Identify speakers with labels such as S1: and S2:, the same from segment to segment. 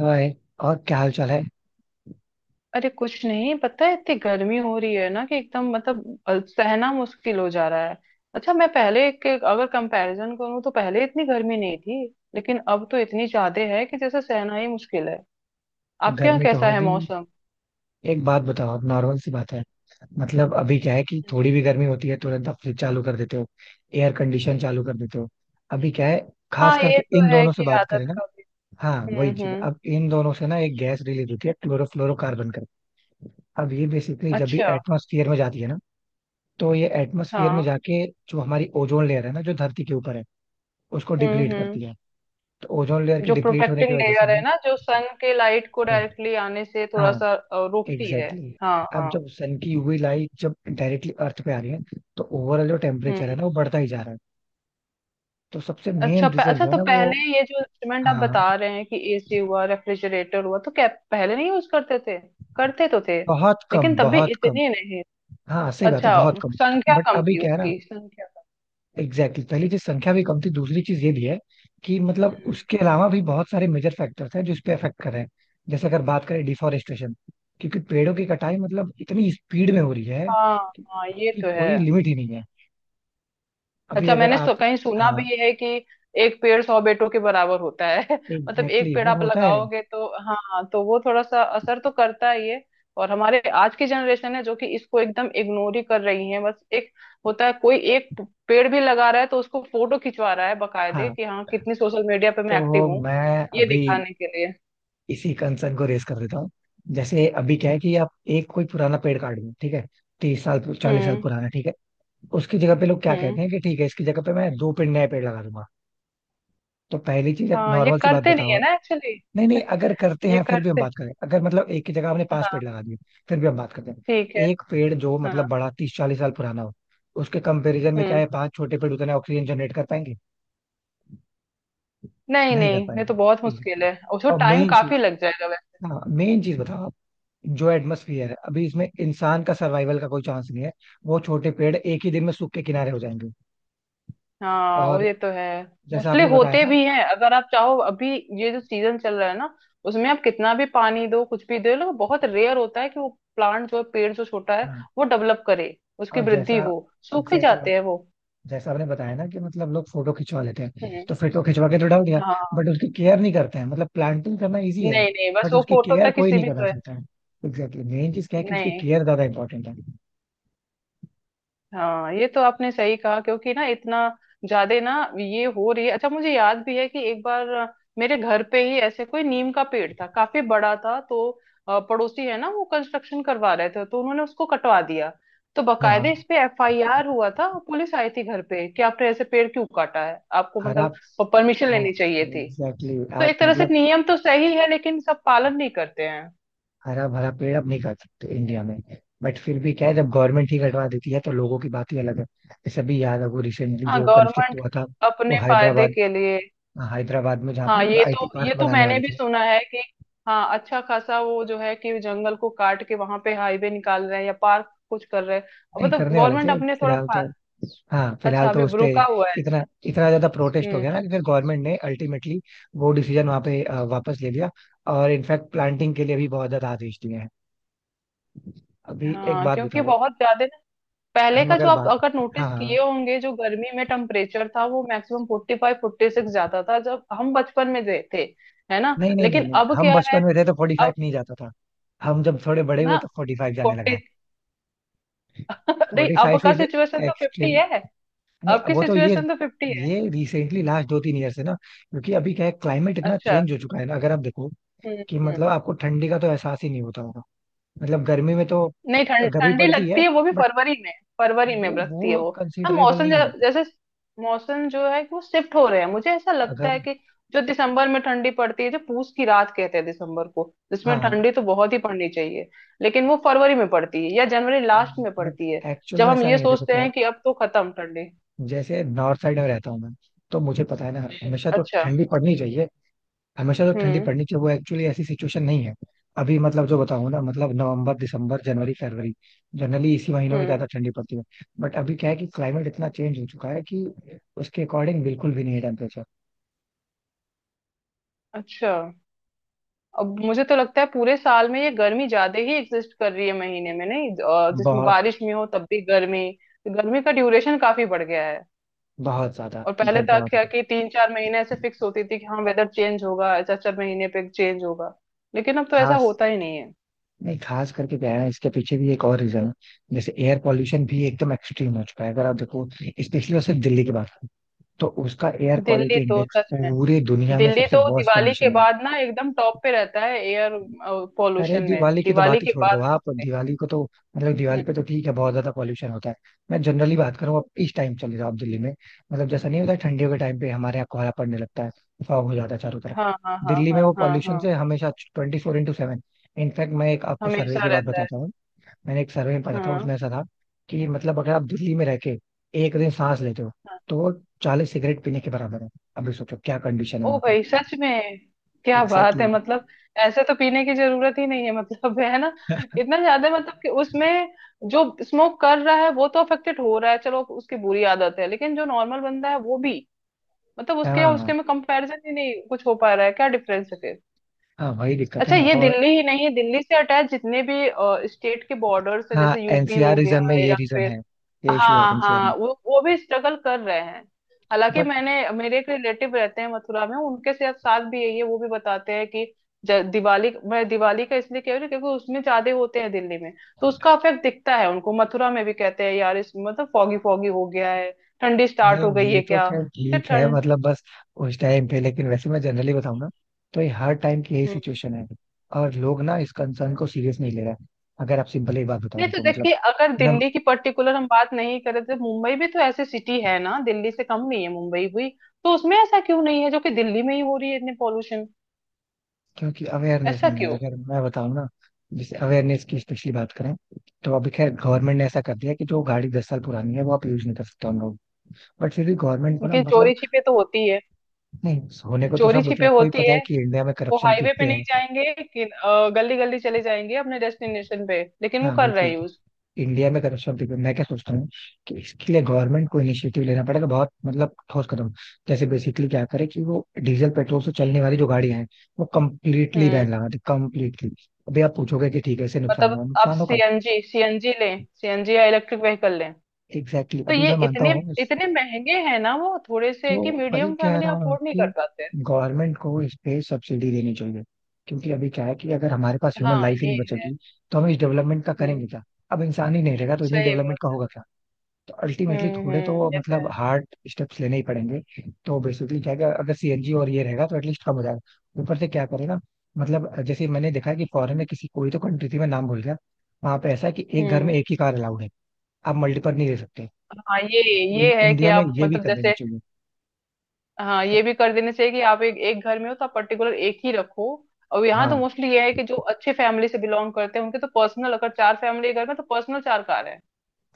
S1: हाय। और क्या हाल चाल है?
S2: अरे, कुछ नहीं पता है। इतनी गर्मी हो रही है ना कि एकदम मतलब सहना मुश्किल हो जा रहा है। अच्छा, मैं पहले के अगर कंपैरिजन करूँ तो पहले इतनी गर्मी नहीं थी। लेकिन अब तो इतनी ज्यादा है कि जैसे सहना ही मुश्किल है। आपके यहाँ
S1: गर्मी तो
S2: कैसा है
S1: होगी।
S2: मौसम?
S1: एक बात बताओ, नॉर्मल सी बात है। मतलब अभी क्या है कि
S2: हम्म।
S1: थोड़ी भी गर्मी होती है तुरंत आप फ्रिज चालू कर देते हो, एयर कंडीशन चालू कर देते हो। अभी क्या है, खास
S2: हाँ, ये
S1: करके
S2: तो
S1: इन
S2: है
S1: दोनों से
S2: कि
S1: बात करें
S2: आदत
S1: ना।
S2: का भी।
S1: हाँ, वही चीज।
S2: हम्म।
S1: अब इन दोनों से ना एक गैस रिलीज होती है क्लोरोफ्लोरोकार्बन करके। अब ये बेसिकली जब भी
S2: अच्छा।
S1: एटमोसफियर में जाती है ना, तो ये एटमोसफियर में
S2: हाँ।
S1: जाके जो हमारी ओजोन लेयर है ना, जो धरती के ऊपर है, उसको डिप्लीट
S2: हम्म।
S1: करती है। तो ओजोन लेयर के
S2: जो
S1: डिप्लीट होने
S2: प्रोटेक्टिंग
S1: की वजह से
S2: लेयर है
S1: ना,
S2: ना, जो सन के लाइट को डायरेक्टली आने से थोड़ा
S1: हाँ
S2: सा रोकती है।
S1: एग्जैक्टली
S2: हाँ
S1: exactly. अब
S2: हाँ।
S1: जब सन की यूवी लाइट जब डायरेक्टली अर्थ पे आ रही है, तो ओवरऑल जो टेम्परेचर
S2: हम्म।
S1: है ना, वो बढ़ता ही जा रहा है। तो सबसे
S2: अच्छा।
S1: मेन रीजन
S2: अच्छा,
S1: जो है
S2: तो
S1: ना, वो।
S2: पहले ये जो इंस्ट्रूमेंट आप
S1: हाँ।
S2: बता रहे हैं कि एसी हुआ, रेफ्रिजरेटर हुआ, तो क्या पहले नहीं यूज करते थे? करते तो थे।
S1: बहुत कम
S2: लेकिन तब भी
S1: बहुत कम।
S2: इतने नहीं।
S1: हाँ सही बात है,
S2: अच्छा।
S1: बहुत कम।
S2: संख्या
S1: बट
S2: कम
S1: अभी
S2: थी,
S1: क्या है ना,
S2: उसकी संख्या कम।
S1: Exactly exactly. पहली चीज, संख्या भी कम थी, दूसरी चीज ये भी है कि मतलब
S2: हम्म।
S1: उसके अलावा भी बहुत सारे मेजर फैक्टर्स हैं जो इस पे अफेक्ट कर रहे हैं। जैसे अगर बात करें डिफॉरेस्टेशन, क्योंकि पेड़ों की कटाई मतलब इतनी स्पीड में हो रही है
S2: हाँ
S1: कि,
S2: हाँ, ये
S1: कि
S2: तो है।
S1: कोई लिमिट ही नहीं है। अभी
S2: अच्छा,
S1: अगर
S2: मैंने
S1: आप,
S2: कहीं सुना
S1: हाँ
S2: भी है कि एक पेड़ 100 बेटों के बराबर होता है मतलब
S1: एग्जैक्टली
S2: एक
S1: exactly,
S2: पेड़
S1: वो
S2: आप
S1: होता है।
S2: लगाओगे तो, हाँ, तो वो थोड़ा सा असर तो करता है ये। और हमारे आज की जनरेशन है जो कि इसको एकदम इग्नोर ही कर रही है। बस एक होता है, कोई एक पेड़ भी लगा रहा है तो उसको फोटो खिंचवा रहा है बकायदे
S1: हाँ
S2: कि हाँ, कितनी सोशल मीडिया पे मैं एक्टिव
S1: तो
S2: हूँ,
S1: मैं
S2: ये
S1: अभी
S2: दिखाने के लिए।
S1: इसी कंसर्न को रेस कर देता हूँ। जैसे अभी क्या है कि आप एक कोई पुराना पेड़ काट दो, ठीक है, 30 साल 40 साल
S2: हम्म
S1: पुराना, ठीक है। उसकी जगह पे लोग क्या
S2: हम्म।
S1: कहते हैं कि ठीक है, इसकी जगह पे मैं दो पेड़ नए पेड़ लगा दूंगा। तो पहली चीज, एक
S2: हाँ, ये
S1: नॉर्मल सी बात
S2: करते
S1: बताओ
S2: नहीं है
S1: आप।
S2: ना एक्चुअली।
S1: नहीं नहीं, अगर करते
S2: ये
S1: हैं फिर भी हम
S2: करते,
S1: बात करें, अगर मतलब एक की जगह आपने पांच
S2: हाँ।
S1: पेड़ लगा दिए, फिर भी हम बात करते हैं।
S2: ठीक है।
S1: एक पेड़ जो मतलब
S2: हाँ।
S1: बड़ा 30-40 साल पुराना हो, उसके कंपेरिजन में क्या
S2: हम्म।
S1: है, पांच छोटे पेड़ उतना ऑक्सीजन जनरेट कर पाएंगे?
S2: नहीं
S1: नहीं
S2: नहीं,
S1: कर
S2: ये तो बहुत
S1: पाएंगे,
S2: मुश्किल
S1: एग्जैक्टली।
S2: है, उसको
S1: और
S2: टाइम
S1: मेन चीज,
S2: काफी लग जाएगा वैसे।
S1: हाँ मेन चीज बताओ आप। जो एटमोसफियर है अभी, इसमें इंसान का सर्वाइवल का कोई चांस नहीं है। वो छोटे पेड़ एक ही दिन में सूख के किनारे हो जाएंगे।
S2: हाँ वो,
S1: और
S2: ये तो है।
S1: जैसा
S2: मोस्टली
S1: आपने बताया
S2: होते
S1: ना,
S2: भी हैं अगर आप चाहो। अभी ये जो सीजन चल रहा है ना, उसमें आप कितना भी पानी दो, कुछ भी दे लो, बहुत रेयर होता है कि वो प्लांट जो है, पेड़ जो छोटा है,
S1: हाँ,
S2: वो डेवलप करे, उसकी
S1: और
S2: वृद्धि
S1: जैसा
S2: हो। सूख ही
S1: एग्जैक्टली exactly, और
S2: जाते हैं वो।
S1: जैसा आपने बताया ना कि मतलब लोग फोटो खिंचवा लेते हैं,
S2: हम्म।
S1: तो फोटो खिंचवा के तो डाल दिया,
S2: हाँ।
S1: बट उसकी केयर नहीं करते हैं। मतलब प्लांटिंग करना इजी है,
S2: नहीं नहीं, बस
S1: बट
S2: वो
S1: उसकी
S2: फोटो
S1: केयर
S2: तक ही
S1: कोई नहीं
S2: सीमित
S1: करना
S2: है।
S1: चाहता है। एग्जैक्टली मेन चीज क्या है कि उसकी
S2: नहीं।
S1: केयर ज्यादा इंपॉर्टेंट है।
S2: हाँ, ये तो आपने सही कहा, क्योंकि ना इतना ज्यादा ना ये हो रही है। अच्छा, मुझे याद भी है कि एक बार मेरे घर पे ही ऐसे कोई नीम का पेड़ था, काफी बड़ा था। तो पड़ोसी है ना, वो कंस्ट्रक्शन करवा रहे थे, तो उन्होंने उसको कटवा दिया। तो
S1: हाँ हाँ,
S2: बकायदे इस पे एफआईआर हुआ था, पुलिस आई थी घर पे कि आपने ऐसे पेड़ क्यों काटा है, आपको
S1: हर
S2: मतलब
S1: आप,
S2: परमिशन
S1: हाँ,
S2: लेनी चाहिए थी।
S1: एग्जैक्टली exactly,
S2: तो
S1: आप
S2: एक तरह से
S1: मतलब
S2: नियम तो सही है, लेकिन सब पालन नहीं करते हैं।
S1: हरा भरा पेड़ अब नहीं काट सकते इंडिया में। बट फिर भी क्या है, जब गवर्नमेंट ही कटवा देती है तो लोगों की बात ही अलग है। जैसे अभी याद है वो रिसेंटली
S2: हाँ,
S1: जो कंस्ट्रक्ट
S2: गवर्नमेंट
S1: हुआ था, वो
S2: अपने फायदे
S1: हैदराबाद,
S2: के लिए।
S1: हैदराबाद में जहाँ
S2: हाँ
S1: पे लोग
S2: ये तो
S1: आईटी
S2: ये
S1: पार्क
S2: तो
S1: बनाने
S2: मैंने
S1: वाले
S2: भी
S1: थे,
S2: सुना है कि, हाँ, अच्छा खासा वो जो है कि जंगल को काट के वहां पे हाईवे निकाल रहे हैं या पार्क कुछ कर रहे हैं। अब
S1: नहीं
S2: मतलब
S1: करने वाले
S2: गवर्नमेंट
S1: थे
S2: अपने थोड़ा
S1: फिलहाल तो। हाँ
S2: अच्छा,
S1: फिलहाल तो
S2: अभी
S1: उस पे
S2: रुका हुआ है।
S1: इतना इतना ज्यादा प्रोटेस्ट हो
S2: हम्म।
S1: गया ना कि फिर गवर्नमेंट ने अल्टीमेटली वो डिसीजन वहाँ पे वापस ले लिया। और इनफैक्ट प्लांटिंग के लिए भी बहुत ज्यादा आदेश दिए हैं। अभी एक
S2: हाँ,
S1: बात
S2: क्योंकि
S1: बताओ,
S2: बहुत ज्यादा ना पहले
S1: हम
S2: का जो
S1: अगर
S2: आप
S1: बात,
S2: अगर
S1: हाँ
S2: नोटिस
S1: हाँ,
S2: किए होंगे, जो गर्मी में टेम्परेचर था, वो मैक्सिमम 45 46 जाता था जब हम बचपन में थे। है ना?
S1: नहीं नहीं नहीं
S2: लेकिन
S1: नहीं,
S2: अब
S1: हम
S2: क्या है?
S1: बचपन में थे तो 45
S2: अब
S1: नहीं जाता था। हम जब थोड़े बड़े हुए
S2: ना
S1: तो 45 जाने लगा
S2: फोर्टी,
S1: है।
S2: नहीं,
S1: फोर्टी फाइव
S2: अब
S1: ही
S2: का सिचुएशन तो 50
S1: एक्सट्रीम,
S2: है।
S1: नहीं
S2: अब की
S1: वो तो ये
S2: सिचुएशन तो 50 है।
S1: ये रिसेंटली लास्ट 2-3 ईयर से ना। क्योंकि अभी क्या है, क्लाइमेट इतना
S2: अच्छा।
S1: चेंज हो चुका है ना, अगर आप देखो
S2: हम्म
S1: कि
S2: हम्म।
S1: मतलब आपको ठंडी का तो एहसास ही नहीं होता होगा। मतलब गर्मी में तो
S2: नहीं, ठंड
S1: गर्मी
S2: ठंडी
S1: पड़ती
S2: लगती
S1: है,
S2: है, वो भी
S1: बट
S2: फरवरी में। फरवरी में
S1: वो
S2: लगती है
S1: वो
S2: वो। हाँ,
S1: कंसिडरेबल
S2: मौसम
S1: नहीं है।
S2: जैसे मौसम जो है कि वो शिफ्ट हो रहे हैं। मुझे ऐसा लगता
S1: अगर,
S2: है कि जो दिसंबर में ठंडी पड़ती है, जो पूस की रात कहते हैं दिसंबर को,
S1: हाँ
S2: जिसमें
S1: हाँ,
S2: ठंडी तो बहुत ही पड़नी चाहिए, लेकिन वो फरवरी में पड़ती है या जनवरी लास्ट में
S1: बट
S2: पड़ती है।
S1: एक्चुअल
S2: जब
S1: में
S2: हम
S1: ऐसा
S2: ये
S1: नहीं है, देखो
S2: सोचते
S1: क्या है।
S2: हैं कि अब तो खत्म ठंडी।
S1: जैसे नॉर्थ साइड में रहता हूँ मैं, तो मुझे पता है ना हमेशा तो
S2: अच्छा।
S1: ठंडी पड़नी चाहिए। हमेशा तो ठंडी
S2: हम्म
S1: पड़नी चाहिए, वो एक्चुअली ऐसी सिचुएशन नहीं है। अभी मतलब जो बताऊं ना, मतलब नवंबर दिसंबर जनवरी फरवरी, जनरली इसी महीनों में
S2: हम्म।
S1: ज्यादा ठंडी पड़ती है। बट अभी क्या है कि क्लाइमेट इतना चेंज हो चुका है कि उसके अकॉर्डिंग बिल्कुल भी नहीं है टेम्परेचर।
S2: अच्छा। अब मुझे तो लगता है पूरे साल में ये गर्मी ज्यादा ही एग्जिस्ट कर रही है, महीने में नहीं, जिसमें
S1: बहुत,
S2: बारिश भी हो तब भी गर्मी। तो गर्मी का ड्यूरेशन काफी बढ़ गया है।
S1: बहुत ज्यादा
S2: और पहले
S1: इनफैक्ट,
S2: तक
S1: बहुत
S2: क्या
S1: ज्यादा।
S2: कि 3 4 महीने ऐसे फिक्स होती थी कि हाँ, वेदर चेंज होगा, चार चार महीने पे चेंज होगा, लेकिन अब तो ऐसा
S1: खास,
S2: होता ही नहीं है।
S1: नहीं खास करके क्या है ना, इसके पीछे भी एक और रीजन है। जैसे एयर पॉल्यूशन भी एकदम एक्सट्रीम हो चुका है अगर आप देखो, स्पेशली सिर्फ दिल्ली की बात करें तो उसका एयर
S2: दिल्ली
S1: क्वालिटी
S2: तो
S1: इंडेक्स
S2: सच में,
S1: पूरे दुनिया में
S2: दिल्ली
S1: सबसे
S2: तो
S1: वर्स्ट
S2: दिवाली
S1: कंडीशन
S2: के
S1: में है।
S2: बाद ना एकदम टॉप पे रहता है एयर
S1: अरे
S2: पॉल्यूशन में,
S1: दिवाली की तो
S2: दिवाली
S1: बात ही
S2: के
S1: छोड़ दो
S2: बाद।
S1: आप, दिवाली को तो मतलब
S2: हम्म।
S1: दिवाली पे तो ठीक है, बहुत ज्यादा पॉल्यूशन होता है। मैं जनरली बात करूँ, आप इस टाइम चले जाओ आप दिल्ली में, मतलब जैसा नहीं होता है, ठंडियों के टाइम पे हमारे यहाँ कोहरा पड़ने लगता है, फॉग हो जाता है चारों तरफ।
S2: हाँ हाँ हाँ
S1: दिल्ली में
S2: हाँ
S1: वो
S2: हाँ
S1: पॉल्यूशन
S2: हाँ।
S1: से हमेशा 24/7। इनफैक्ट मैं एक आपको सर्वे
S2: हमेशा
S1: की बात
S2: रहता है।
S1: बताता हूँ। मैंने एक सर्वे में पढ़ा था,
S2: हाँ
S1: उसमें ऐसा था कि मतलब अगर आप दिल्ली में रह के एक दिन सांस लेते हो
S2: हाँ।
S1: तो वो 40 सिगरेट पीने के बराबर है। अभी सोचो क्या कंडीशन है
S2: ओ
S1: वहाँ पे।
S2: भाई, सच में, क्या
S1: एग्जैक्टली
S2: बात है,
S1: exactly.
S2: मतलब। ऐसे तो पीने की जरूरत ही नहीं है मतलब, है ना? इतना ज्यादा मतलब कि उसमें जो स्मोक कर रहा है वो तो अफेक्टेड हो रहा है, चलो उसकी बुरी आदत है, लेकिन जो नॉर्मल बंदा है वो भी, मतलब उसके और उसके
S1: हाँ
S2: में कंपैरिजन ही नहीं कुछ हो पा रहा है, क्या डिफरेंस है फिर?
S1: हाँ, वही दिक्कत है
S2: अच्छा,
S1: ना,
S2: ये
S1: और
S2: दिल्ली ही नहीं है, दिल्ली से अटैच जितने भी स्टेट के बॉर्डर्स है,
S1: हाँ
S2: जैसे यूपी
S1: एनसीआर
S2: हो गया
S1: रीजन में ये
S2: या
S1: रीजन
S2: फिर,
S1: है, ये इशू है
S2: हाँ
S1: एनसीआर में।
S2: हाँ, वो भी स्ट्रगल कर रहे हैं। हालांकि
S1: बट
S2: मैंने, मेरे एक रिलेटिव रहते हैं मथुरा में, उनके साथ साथ भी यही है, वो भी बताते हैं कि दिवाली, मैं दिवाली का इसलिए कह रही हूँ क्योंकि उसमें ज्यादा होते हैं दिल्ली में, तो उसका इफेक्ट दिखता है उनको मथुरा में भी। कहते हैं यार, इस मतलब फॉगी फॉगी हो गया है, ठंडी स्टार्ट
S1: नहीं
S2: हो गई
S1: ये
S2: है
S1: तो
S2: क्या,
S1: खैर
S2: कि
S1: ठीक है,
S2: ठंड।
S1: मतलब बस उस टाइम पे, लेकिन वैसे मैं जनरली बताऊँ ना तो ये हर टाइम की यही
S2: हम्म।
S1: सिचुएशन है। और लोग ना इस कंसर्न को सीरियस नहीं ले रहे हैं। अगर आप सिंपल एक बात बताओ
S2: नहीं तो
S1: उनको मतलब,
S2: देखिए, अगर
S1: मैं
S2: दिल्ली की पर्टिकुलर हम बात नहीं करें तो मुंबई भी तो ऐसी सिटी है ना, दिल्ली से कम नहीं है मुंबई भी। तो उसमें ऐसा क्यों नहीं है जो कि दिल्ली में ही हो रही है इतनी पॉल्यूशन?
S1: क्योंकि अवेयरनेस
S2: ऐसा
S1: नहीं है,
S2: क्यों?
S1: अगर मैं बताऊँ ना, जैसे अवेयरनेस की स्पेशली बात करें, तो अभी खैर गवर्नमेंट ने ऐसा कर दिया कि जो गाड़ी 10 साल पुरानी है वो आप यूज नहीं कर सकते हम लोग। बट फिर भी गवर्नमेंट को ना,
S2: लेकिन
S1: मतलब
S2: चोरी छिपे तो होती है।
S1: नहीं, होने को तो
S2: चोरी
S1: सब होते हैं,
S2: छिपे
S1: आपको ही
S2: होती
S1: पता
S2: है।
S1: है कि इंडिया में
S2: वो
S1: करप्शन
S2: हाईवे
S1: पीक पे
S2: पे
S1: है।
S2: नहीं जाएंगे, कि गली गली चले जाएंगे अपने डेस्टिनेशन पे, लेकिन वो
S1: हाँ,
S2: कर रहे हैं यूज।
S1: इंडिया में करप्शन पे मैं क्या सोचता हूँ, कि इसके लिए गवर्नमेंट को इनिशिएटिव लेना पड़ेगा, बहुत मतलब ठोस कदम। जैसे बेसिकली क्या करे कि वो डीजल पेट्रोल से चलने वाली जो गाड़ियां हैं वो कंप्लीटली
S2: हम्म।
S1: बैन लगा दे, कंप्लीटली। अभी आप पूछोगे कि ठीक है इससे नुकसान
S2: मतलब
S1: होगा,
S2: आप
S1: नुकसान होगा।
S2: सीएनजी सीएनजी लें, सीएनजी या इलेक्ट्रिक व्हीकल लें,
S1: एग्जैक्टली exactly,
S2: तो
S1: अभी
S2: ये
S1: मैं मानता
S2: इतने
S1: हूँ
S2: इतने महंगे हैं ना, वो थोड़े से
S1: तो
S2: कि
S1: वही
S2: मीडियम
S1: कह
S2: फैमिली
S1: रहा हूँ
S2: अफोर्ड नहीं
S1: कि
S2: कर पाते।
S1: गवर्नमेंट को इस पे सब्सिडी देनी चाहिए। क्योंकि अभी क्या है कि अगर हमारे पास ह्यूमन
S2: हाँ
S1: लाइफ ही
S2: ये
S1: नहीं
S2: है।
S1: बचेगी तो हम इस डेवलपमेंट का
S2: हम्म।
S1: करेंगे क्या। अब इंसान ही नहीं रहेगा तो इतनी
S2: सही
S1: डेवलपमेंट का
S2: बात।
S1: होगा क्या। तो अल्टीमेटली
S2: हम्म।
S1: थोड़े तो
S2: ये तो
S1: मतलब
S2: है।
S1: हार्ड स्टेप्स लेने ही पड़ेंगे। तो बेसिकली क्या है कि अगर सीएनजी और ये रहेगा तो एटलीस्ट कम हो जाएगा, ऊपर से क्या करेगा। मतलब जैसे मैंने देखा है कि फॉरेन में किसी कोई तो कंट्री थी, मैं नाम भूल गया। वहां पे ऐसा है कि एक घर
S2: हम्म।
S1: में एक ही कार अलाउड है, आप मल्टीपल नहीं ले सकते।
S2: हाँ ये ये है कि
S1: इंडिया में
S2: आप
S1: ये भी
S2: मतलब
S1: कर देना
S2: जैसे,
S1: चाहिए।
S2: हाँ, ये भी कर देना चाहिए कि आप एक, एक घर में हो तो आप पर्टिकुलर एक ही रखो। और यहाँ तो
S1: हाँ
S2: मोस्टली ये है कि जो अच्छे फैमिली से बिलोंग करते हैं उनके तो पर्सनल, अगर चार फैमिली घर में, तो पर्सनल चार कार है।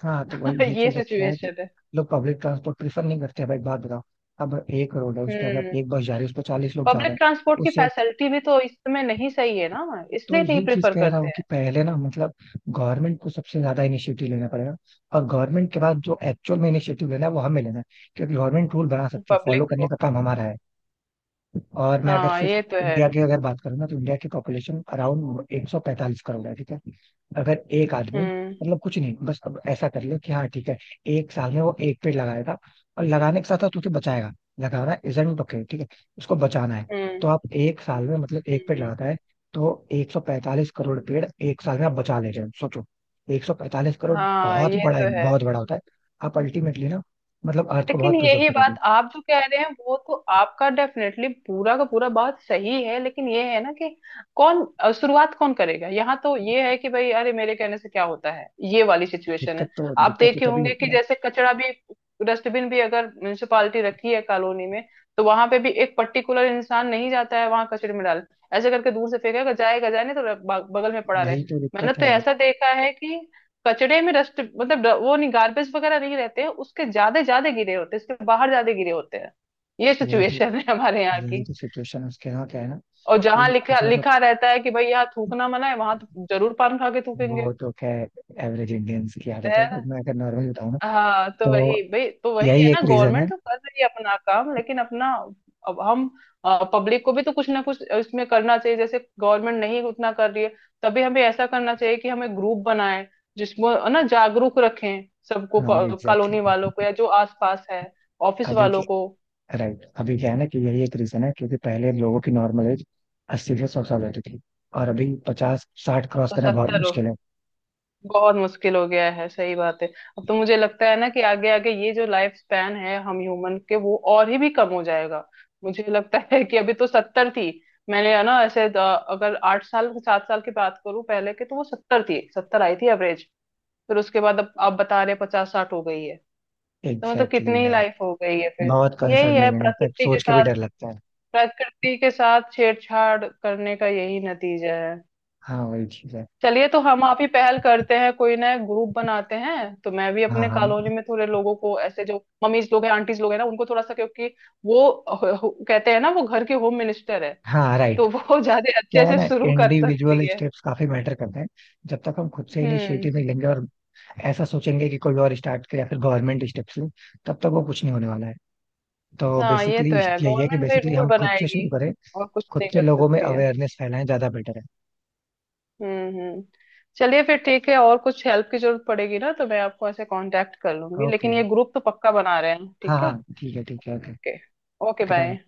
S1: हाँ, तो वही ये
S2: ये
S1: चीज लगता है कि
S2: सिचुएशन है।
S1: लोग पब्लिक ट्रांसपोर्ट प्रीफर नहीं करते हैं। भाई, बात बताओ, अब एक रोड है उस पर अगर
S2: हम्म।
S1: एक बस जा रही है उस पर 40 लोग जा रहे
S2: पब्लिक
S1: हैं
S2: ट्रांसपोर्ट की
S1: उससे।
S2: फैसिलिटी भी तो इस समय नहीं सही है ना,
S1: तो
S2: इसलिए नहीं
S1: यही चीज
S2: प्रेफर
S1: कह रहा
S2: करते
S1: हूँ कि
S2: हैं।
S1: पहले ना, मतलब गवर्नमेंट को सबसे ज्यादा इनिशिएटिव लेना पड़ेगा। और गवर्नमेंट के बाद जो एक्चुअल में इनिशिएटिव लेना है वो हमें लेना है, क्योंकि गवर्नमेंट रूल बना सकती है, फॉलो
S2: पब्लिक
S1: करने
S2: को।
S1: का काम हमारा है। और मैं अगर
S2: हाँ,
S1: सिर्फ
S2: ये तो है।
S1: इंडिया की अगर बात करूँ ना, तो इंडिया की पॉपुलेशन अराउंड 145 करोड़ है, ठीक है। अगर एक आदमी
S2: हम्म
S1: मतलब कुछ नहीं, बस अब ऐसा कर ले कि हाँ ठीक है, एक साल में वो एक पेड़ लगाएगा, और लगाने के साथ साथ उसे बचाएगा। लगाना इजंट ओके, ठीक है, उसको बचाना है।
S2: हम्म
S1: तो आप एक साल में, मतलब एक पेड़
S2: हम्म।
S1: लगाता है, तो 145 करोड़ पेड़ एक साल में आप बचा ले रहे हो, सोचो, 145 करोड़
S2: हाँ,
S1: बहुत
S2: ये
S1: बड़ा है,
S2: तो है।
S1: बहुत बड़ा होता है। आप अल्टीमेटली ना, मतलब अर्थ को
S2: लेकिन
S1: बहुत प्रिजर्व
S2: यही
S1: करोगे।
S2: बात आप जो कह रहे हैं वो तो आपका डेफिनेटली पूरा का पूरा बात सही है, लेकिन ये है ना कि कौन, शुरुआत कौन करेगा यहाँ? तो ये है कि भाई, अरे मेरे कहने से क्या होता है, ये वाली सिचुएशन
S1: दिक्कत
S2: है।
S1: तो
S2: आप
S1: दिक्कत तो
S2: देखे
S1: तभी
S2: होंगे
S1: होगी
S2: कि
S1: ना।
S2: जैसे कचरा भी, डस्टबिन भी अगर म्यूनिसिपालिटी रखी है कॉलोनी में, तो वहां पे भी एक पर्टिकुलर इंसान नहीं जाता है वहां कचरे में डाल ऐसे करके दूर से फेंकेगा, जाएगा, जाए नहीं तो बगल में पड़ा रहे।
S1: यही तो
S2: मैंने
S1: दिक्कत
S2: तो
S1: है,
S2: ऐसा देखा है कि कचड़े में डस्ट, मतलब वो नहीं, गार्बेज वगैरह नहीं रहते हैं उसके, ज्यादा ज्यादा गिरे होते हैं उसके बाहर, ज्यादा गिरे होते हैं। ये
S1: यही तो
S2: सिचुएशन है हमारे यहाँ
S1: यही
S2: की।
S1: तो सिचुएशन उसके यहाँ क्या है ना,
S2: और जहां
S1: कि
S2: लिखा
S1: अगर आप,
S2: लिखा रहता है कि भाई यहाँ थूकना मना है, वहां तो जरूर पान खा के थूकेंगे।
S1: वो तो क्या, एवरेज इंडियंस की आदत है, बट
S2: है।
S1: मैं अगर नॉर्मल बताऊँ ना
S2: हाँ तो
S1: तो
S2: वही भाई, तो वही
S1: यही
S2: है ना,
S1: एक रीजन है।
S2: गवर्नमेंट तो कर रही है अपना काम, लेकिन अपना, अब हम पब्लिक को भी तो कुछ ना कुछ इसमें करना चाहिए। जैसे गवर्नमेंट नहीं उतना कर रही है, तभी हमें ऐसा करना चाहिए कि हमें ग्रुप बनाएं, जिसमें है ना जागरूक रखें सबको,
S1: हाँ एग्जैक्टली
S2: कॉलोनी वालों
S1: exactly.
S2: को या जो आसपास है, ऑफिस
S1: अभी के
S2: वालों को।
S1: राइट, अभी क्या है ना, कि यही एक रीजन है, क्योंकि पहले लोगों की नॉर्मल एज 80 से 100 साल होती थी, और अभी 50-60
S2: अब
S1: क्रॉस
S2: तो
S1: करना बहुत
S2: 70
S1: मुश्किल है।
S2: बहुत मुश्किल हो गया है, सही बात है। अब तो मुझे लगता है ना कि आगे आगे ये जो लाइफ स्पैन है हम ह्यूमन के, वो और ही भी कम हो जाएगा। मुझे लगता है कि अभी तो 70 थी, मैंने, है ना ऐसे, अगर 8 साल 7 साल की बात करूं पहले के, तो वो 70 थी, 70 आई थी एवरेज। फिर उसके बाद अब आप बता रहे 50 60 हो गई है। तो मतलब
S1: एग्जैक्टली
S2: कितनी
S1: exactly,
S2: ही
S1: यार।
S2: लाइफ हो गई है फिर।
S1: बहुत
S2: यही है
S1: कंसर्निंग है, इनफैक्ट
S2: प्रकृति के
S1: सोच के भी
S2: साथ,
S1: डर लगता है।
S2: प्रकृति के साथ छेड़छाड़ करने का यही नतीजा है।
S1: हाँ वही चीज है।
S2: चलिए, तो हम आप ही पहल करते हैं, कोई ना ग्रुप बनाते हैं। तो मैं भी
S1: हाँ
S2: अपने
S1: हाँ,
S2: कॉलोनी में थोड़े लोगों को ऐसे, जो मम्मीज लोग हैं, आंटीज लोग हैं ना, उनको थोड़ा सा, क्योंकि वो कहते हैं ना, वो घर की होम मिनिस्टर है,
S1: हाँ राइट,
S2: तो वो ज्यादा
S1: क्या
S2: अच्छे
S1: है
S2: से
S1: ना,
S2: शुरू कर
S1: इंडिविजुअल
S2: सकती है।
S1: स्टेप्स काफी मैटर करते हैं। जब तक हम खुद से
S2: हम्म।
S1: इनिशिएटिव नहीं लेंगे और ऐसा सोचेंगे कि कोई और स्टार्ट करे या फिर गवर्नमेंट स्टेप्स ले, तब तक वो कुछ नहीं होने वाला है। तो
S2: हाँ, ये तो
S1: बेसिकली,
S2: है,
S1: यही है कि
S2: गवर्नमेंट भाई
S1: बेसिकली
S2: रूल
S1: हम खुद से
S2: बनाएगी
S1: शुरू करें,
S2: और कुछ
S1: खुद
S2: नहीं
S1: से
S2: कर
S1: लोगों में
S2: सकती है।
S1: अवेयरनेस फैलाएं, ज्यादा बेटर है।
S2: हम्म। चलिए फिर, ठीक है, और कुछ हेल्प की जरूरत पड़ेगी ना तो मैं आपको ऐसे कांटेक्ट कर लूंगी,
S1: ओके।
S2: लेकिन ये ग्रुप तो पक्का बना रहे हैं,
S1: हाँ
S2: ठीक है?
S1: हाँ ठीक है okay.
S2: Okay. Okay
S1: okay bye.
S2: Bye.